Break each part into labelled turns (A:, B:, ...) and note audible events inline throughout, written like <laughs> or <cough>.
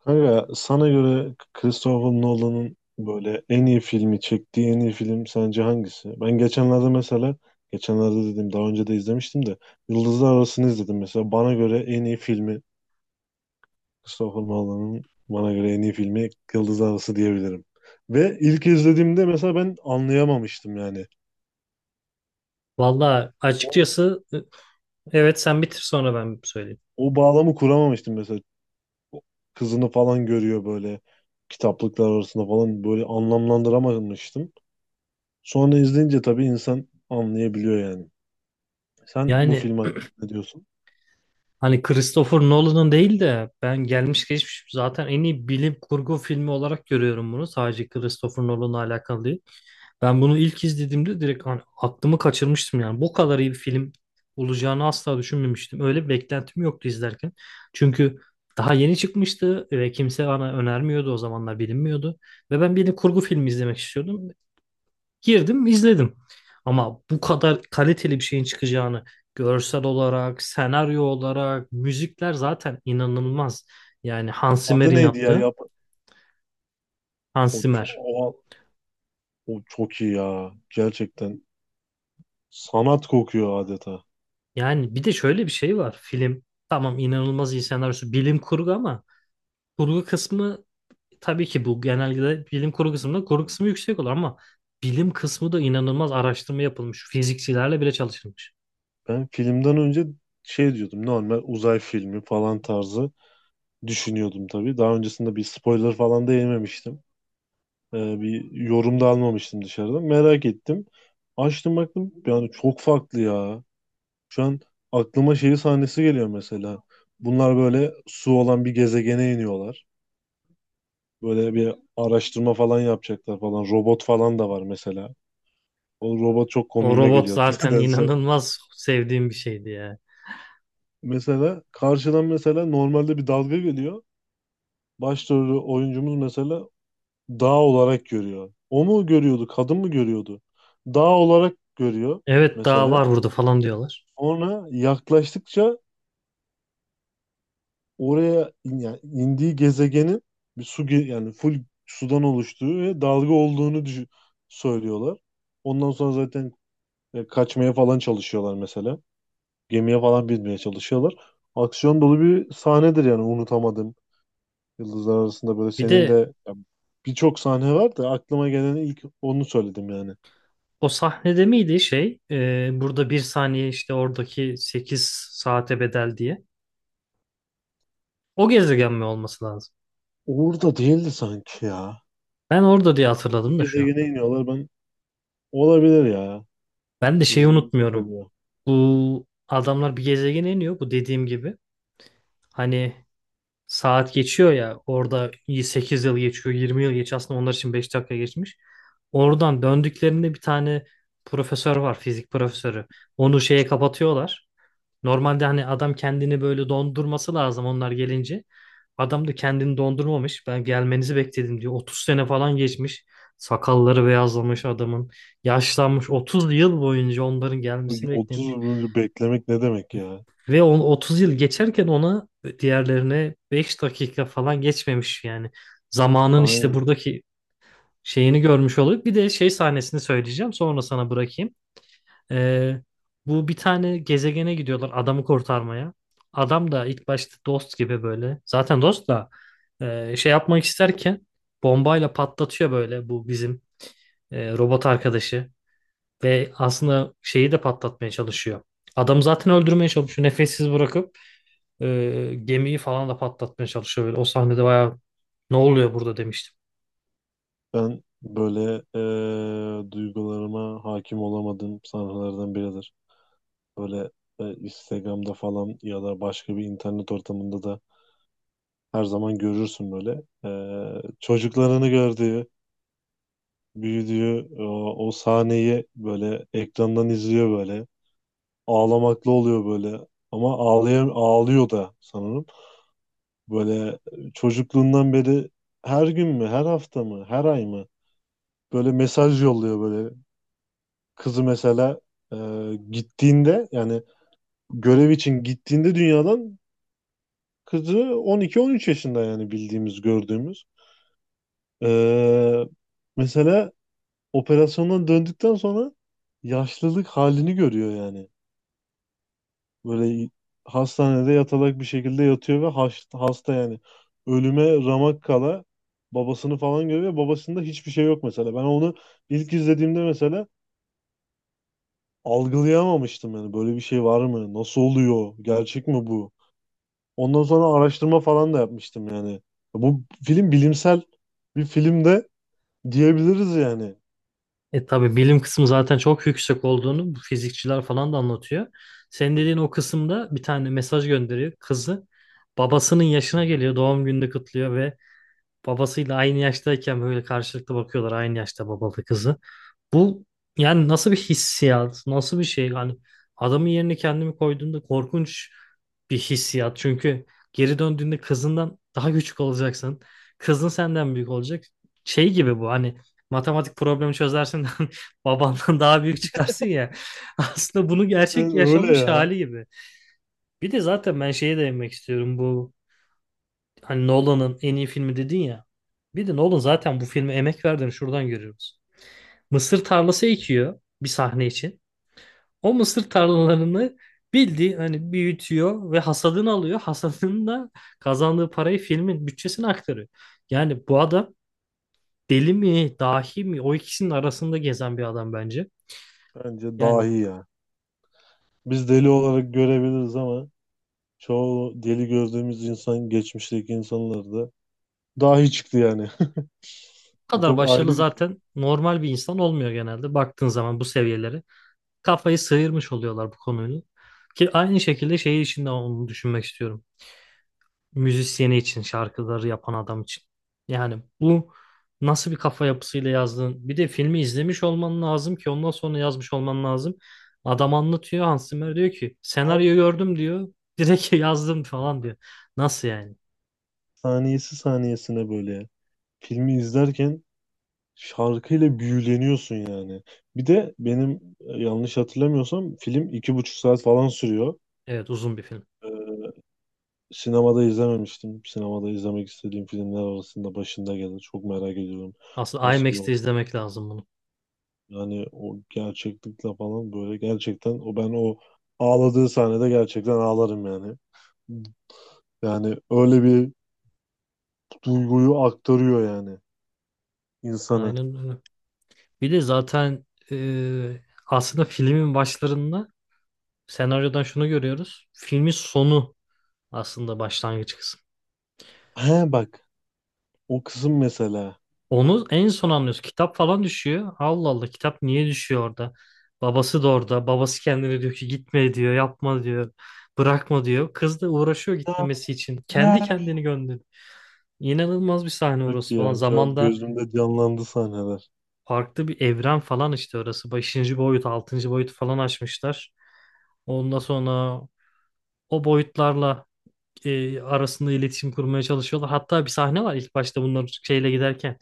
A: Kanka sana göre Christopher Nolan'ın böyle en iyi filmi çektiği en iyi film sence hangisi? Ben geçenlerde mesela geçenlerde dedim, daha önce de izlemiştim de Yıldızlar Arası'nı izledim mesela. Bana göre en iyi filmi, Christopher Nolan'ın bana göre en iyi filmi Yıldızlar Arası diyebilirim. Ve ilk izlediğimde mesela ben anlayamamıştım yani.
B: Valla açıkçası, evet sen bitir sonra ben söyleyeyim.
A: O bağlamı kuramamıştım mesela. Kızını falan görüyor böyle, kitaplıklar arasında falan, böyle anlamlandıramamıştım. Sonra izleyince tabii insan anlayabiliyor yani. Sen bu
B: Yani
A: film hakkında ne diyorsun?
B: hani Christopher Nolan'ın değil de ben gelmiş geçmiş zaten en iyi bilim kurgu filmi olarak görüyorum bunu. Sadece Christopher Nolan'la alakalı değil. Ben bunu ilk izlediğimde direkt hani aklımı kaçırmıştım yani. Bu kadar iyi bir film olacağını asla düşünmemiştim. Öyle bir beklentim yoktu izlerken. Çünkü daha yeni çıkmıştı ve kimse bana önermiyordu, o zamanlar bilinmiyordu. Ve ben bilim kurgu filmi izlemek istiyordum. Girdim, izledim. Ama bu kadar kaliteli bir şeyin çıkacağını, görsel olarak, senaryo olarak, müzikler zaten inanılmaz. Yani Hans
A: Adı
B: Zimmer'in
A: neydi ya?
B: yaptığı.
A: Yap
B: Hans
A: o, çok,
B: Zimmer.
A: o, o çok iyi ya. Gerçekten sanat kokuyor adeta.
B: Yani bir de şöyle bir şey var. Film tamam, inanılmaz iyi senaryosu, bilim kurgu, ama kurgu kısmı, tabii ki bu genelde bilim kurgu kısmında kurgu kısmı yüksek olur ama bilim kısmı da inanılmaz, araştırma yapılmış. Fizikçilerle bile çalışılmış.
A: Ben filmden önce şey diyordum. Normal uzay filmi falan tarzı düşünüyordum tabii. Daha öncesinde bir spoiler falan da yememiştim. Bir yorum da almamıştım dışarıdan. Merak ettim. Açtım baktım. Yani çok farklı ya. Şu an aklıma şeyi sahnesi geliyor mesela. Bunlar böyle su olan bir gezegene iniyorlar. Böyle bir araştırma falan yapacaklar falan. Robot falan da var mesela. O robot çok
B: O
A: komiğime
B: robot
A: geliyordu <laughs>
B: zaten
A: nedense.
B: inanılmaz sevdiğim bir şeydi ya.
A: Mesela karşıdan mesela normalde bir dalga geliyor. Başrolü oyuncumuz mesela dağ olarak görüyor. O mu görüyordu, kadın mı görüyordu? Dağ olarak görüyor
B: Evet, daha
A: mesela.
B: var burada falan diyorlar.
A: Sonra yaklaştıkça oraya yani indiği gezegenin yani full sudan oluştuğu ve dalga olduğunu söylüyorlar. Ondan sonra zaten kaçmaya falan çalışıyorlar mesela. Gemiye falan binmeye çalışıyorlar. Aksiyon dolu bir sahnedir, yani unutamadım. Yıldızlar arasında böyle
B: Bir
A: senin
B: de
A: de ya, birçok sahne var da aklıma gelen ilk onu söyledim yani.
B: o sahnede miydi şey, burada bir saniye, işte oradaki 8 saate bedel diye. O gezegen mi olması lazım?
A: Orada değildi sanki ya.
B: Ben orada diye
A: Bir
B: hatırladım da şu an.
A: gezegene iniyorlar, ben olabilir ya.
B: Ben de şeyi
A: İzlediğim çok
B: unutmuyorum.
A: oluyor.
B: Bu adamlar bir gezegene iniyor, bu dediğim gibi. Hani saat geçiyor ya orada, 8 yıl geçiyor, 20 yıl geçiyor, aslında onlar için 5 dakika geçmiş. Oradan döndüklerinde bir tane profesör var, fizik profesörü. Onu şeye kapatıyorlar. Normalde hani adam kendini böyle dondurması lazım onlar gelince. Adam da kendini dondurmamış. Ben gelmenizi bekledim diyor. 30 sene falan geçmiş. Sakalları beyazlamış adamın. Yaşlanmış. 30 yıl boyunca onların
A: Çünkü
B: gelmesini
A: 30
B: beklemiş.
A: yıl önce beklemek ne demek ya?
B: Ve on 30 yıl geçerken ona, diğerlerine 5 dakika falan geçmemiş yani. Zamanın işte
A: Aynen.
B: buradaki şeyini görmüş olup bir de şey sahnesini söyleyeceğim. Sonra sana bırakayım. Ee, bu bir tane gezegene gidiyorlar adamı kurtarmaya. Adam da ilk başta dost gibi böyle. Zaten dost da şey yapmak isterken bombayla patlatıyor böyle bu bizim robot arkadaşı. Ve aslında şeyi de patlatmaya çalışıyor. Adamı zaten öldürmeye çalışıyor. Nefessiz bırakıp gemiyi falan da patlatmaya çalışıyor. Böyle. O sahnede bayağı ne oluyor burada demiştim.
A: Ben böyle duygularıma hakim olamadığım sahnelerden biridir. Böyle Instagram'da falan ya da başka bir internet ortamında da her zaman görürsün böyle. Çocuklarını gördüğü, büyüdüğü o sahneyi böyle ekrandan izliyor böyle. Ağlamaklı oluyor böyle. Ama ağlıyor da sanırım. Böyle çocukluğundan beri her gün mü, her hafta mı, her ay mı böyle mesaj yolluyor böyle. Kızı mesela e, gittiğinde, yani görev için gittiğinde dünyadan, kızı 12-13 yaşında yani, bildiğimiz, gördüğümüz. Ee, Mesela operasyondan döndükten sonra yaşlılık halini görüyor yani. Böyle hastanede yatalak bir şekilde yatıyor ve hasta yani. Ölüme ramak kala babasını falan görüyor. Babasında hiçbir şey yok mesela. Ben onu ilk izlediğimde mesela algılayamamıştım yani. Böyle bir şey var mı? Nasıl oluyor? Gerçek mi bu? Ondan sonra araştırma falan da yapmıştım yani. Bu film bilimsel bir film de diyebiliriz yani.
B: E, tabii bilim kısmı zaten çok yüksek olduğunu bu fizikçiler falan da anlatıyor. Senin dediğin o kısımda bir tane mesaj gönderiyor kızı. Babasının yaşına geliyor, doğum gününde kutluyor ve babasıyla aynı yaştayken böyle karşılıklı bakıyorlar, aynı yaşta babalı kızı. Bu yani nasıl bir hissiyat, nasıl bir şey? Yani adamın yerine kendimi koyduğumda korkunç bir hissiyat. Çünkü geri döndüğünde kızından daha küçük olacaksın. Kızın senden büyük olacak. Şey gibi bu, hani matematik problemi çözersin <laughs> de babandan daha büyük çıkarsın ya. <laughs> Aslında bunu gerçek
A: Ben öyle
B: yaşanmış
A: ya.
B: hali gibi. Bir de zaten ben şeye değinmek istiyorum, bu hani Nolan'ın en iyi filmi dedin ya. Bir de Nolan zaten bu filme emek verdiğini şuradan görüyoruz. Mısır tarlası ekiyor bir sahne için. O mısır tarlalarını, bildiği hani, büyütüyor ve hasadını alıyor. <laughs> Hasadını da kazandığı parayı filmin bütçesine aktarıyor. Yani bu adam deli mi, dahi mi, o ikisinin arasında gezen bir adam bence.
A: Bence
B: Yani
A: dahi ya. Biz deli olarak görebiliriz ama çoğu deli gördüğümüz insan, geçmişteki insanlar da dahi çıktı yani.
B: bu
A: <laughs>
B: kadar
A: Çok
B: başarılı
A: ayrı bir şey.
B: zaten normal bir insan olmuyor, genelde baktığın zaman bu seviyelere kafayı sıyırmış oluyorlar bu konuyla. Ki aynı şekilde şey için de onu düşünmek istiyorum. Müzisyeni için, şarkıları yapan adam için. Yani bu nasıl bir kafa yapısıyla yazdığın, bir de filmi izlemiş olman lazım ki ondan sonra yazmış olman lazım. Adam anlatıyor, Hans Zimmer diyor ki
A: Her
B: senaryo gördüm diyor, direkt <laughs> yazdım falan diyor. Nasıl yani?
A: saniyesi saniyesine böyle ya. Filmi izlerken şarkıyla büyüleniyorsun yani. Bir de benim yanlış hatırlamıyorsam film iki buçuk saat falan sürüyor.
B: Evet, uzun bir film.
A: Sinemada izlememiştim. Sinemada izlemek istediğim filmler arasında başında gelir. Çok merak ediyorum.
B: Aslında
A: Nasıl bir
B: IMAX'te
A: o,
B: izlemek lazım bunu.
A: yani o gerçeklikle falan böyle gerçekten o, ben o ağladığı sahnede gerçekten ağlarım yani. Yani öyle bir duyguyu aktarıyor yani insana.
B: Aynen öyle. Bir de zaten e, aslında filmin başlarında senaryodan şunu görüyoruz. Filmin sonu aslında başlangıç kısmı.
A: He bak, o kızım mesela.
B: Onu en son anlıyoruz. Kitap falan düşüyor. Allah Allah, kitap niye düşüyor orada? Babası da orada. Babası kendine diyor ki gitme diyor, yapma diyor, bırakma diyor. Kız da uğraşıyor gitmemesi için.
A: Ne?
B: Kendi kendini gönderiyor. İnanılmaz bir sahne
A: Çok
B: orası
A: iyi
B: falan.
A: ya. Şu an
B: Zamanda
A: gözümde canlandı sahneler.
B: farklı bir evren falan işte orası. Beşinci boyut, altıncı boyut falan açmışlar. Ondan sonra o boyutlarla arasında iletişim kurmaya çalışıyorlar. Hatta bir sahne var ilk başta bunlar şeyle giderken.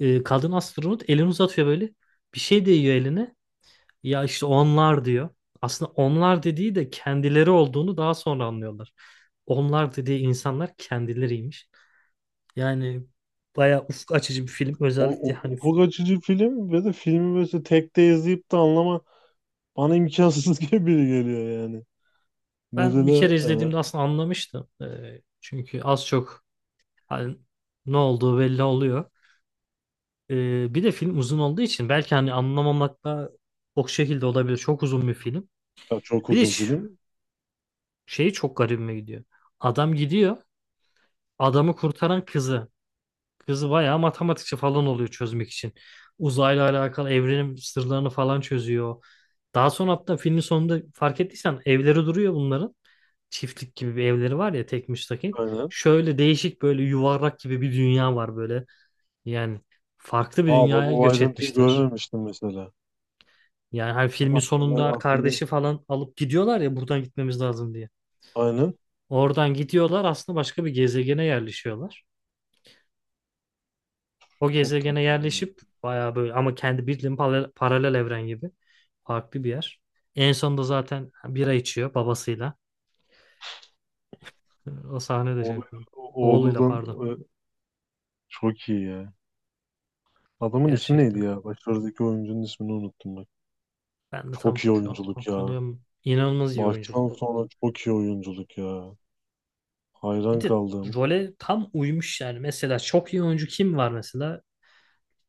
B: Kadın astronot elini uzatıyor böyle. Bir şey değiyor eline. Ya işte onlar diyor. Aslında onlar dediği de kendileri olduğunu daha sonra anlıyorlar. Onlar dediği insanlar kendileriymiş. Yani bayağı ufuk açıcı bir film.
A: O,
B: Özellikle
A: O
B: hani
A: ufuk açıcı film ve de filmi böyle tek de izleyip de anlama bana imkansız <laughs> gibi geliyor yani.
B: ben bir
A: Mesela
B: kere izlediğimde aslında anlamıştım. Çünkü az çok hani ne olduğu belli oluyor. Bir de film uzun olduğu için belki hani anlamamakta o şekilde olabilir. Çok uzun bir film.
A: ya çok
B: Bir de
A: uzun film.
B: şeyi çok garibime gidiyor. Adam gidiyor. Adamı kurtaran kızı. Kızı bayağı matematikçi falan oluyor çözmek için. Uzayla alakalı evrenin sırlarını falan çözüyor. Daha sonra hatta filmin sonunda fark ettiysen evleri duruyor bunların. Çiftlik gibi bir evleri var ya, tek müstakil.
A: Aynen.
B: Şöyle değişik böyle yuvarlak gibi bir dünya var böyle. Yani farklı bir
A: Aa bak,
B: dünyaya
A: o
B: göç
A: ayrıntıyı
B: etmişler.
A: görmemiştim mesela.
B: Yani hani filmin sonunda
A: Akıllı, akıllı.
B: kardeşi falan alıp gidiyorlar ya, buradan gitmemiz lazım diye.
A: Aynen.
B: Oradan gidiyorlar, aslında başka bir gezegene yerleşiyorlar. O
A: Çok
B: gezegene
A: tatlı yani.
B: yerleşip bayağı böyle, ama kendi bildiğin paralel evren gibi farklı bir yer. En sonunda zaten bira içiyor babasıyla. O sahne de
A: Oğlu,
B: çok iyi. Oğluyla,
A: oğludan
B: pardon.
A: e, çok iyi ya. Adamın ismi neydi
B: Gerçekten.
A: ya? Başarıdaki oyuncunun ismini unuttum bak.
B: Ben de
A: Çok
B: tam
A: iyi
B: şu an
A: oyunculuk ya.
B: hatırlıyorum. İnanılmaz iyi
A: Baştan
B: oyunculuk bu.
A: sona çok iyi oyunculuk ya.
B: Bir
A: Hayran
B: de
A: kaldım.
B: role tam uymuş yani. Mesela çok iyi oyuncu kim var mesela?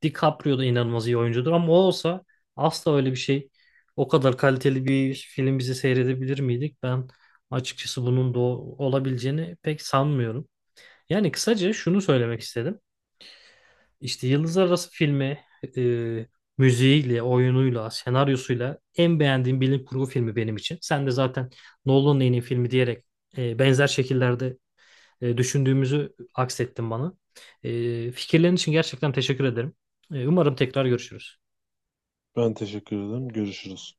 B: DiCaprio da inanılmaz iyi oyuncudur ama o olsa asla öyle bir şey, o kadar kaliteli bir film bizi seyredebilir miydik? Ben açıkçası bunun da olabileceğini pek sanmıyorum. Yani kısaca şunu söylemek istedim. İşte Yıldızlar Arası filmi, e, müziğiyle, oyunuyla, senaryosuyla en beğendiğim bilim kurgu filmi benim için. Sen de zaten Nolan'ın en iyi filmi diyerek benzer şekillerde düşündüğümüzü aksettin bana. Fikirlerin için gerçekten teşekkür ederim. Umarım tekrar görüşürüz.
A: Ben teşekkür ederim. Görüşürüz.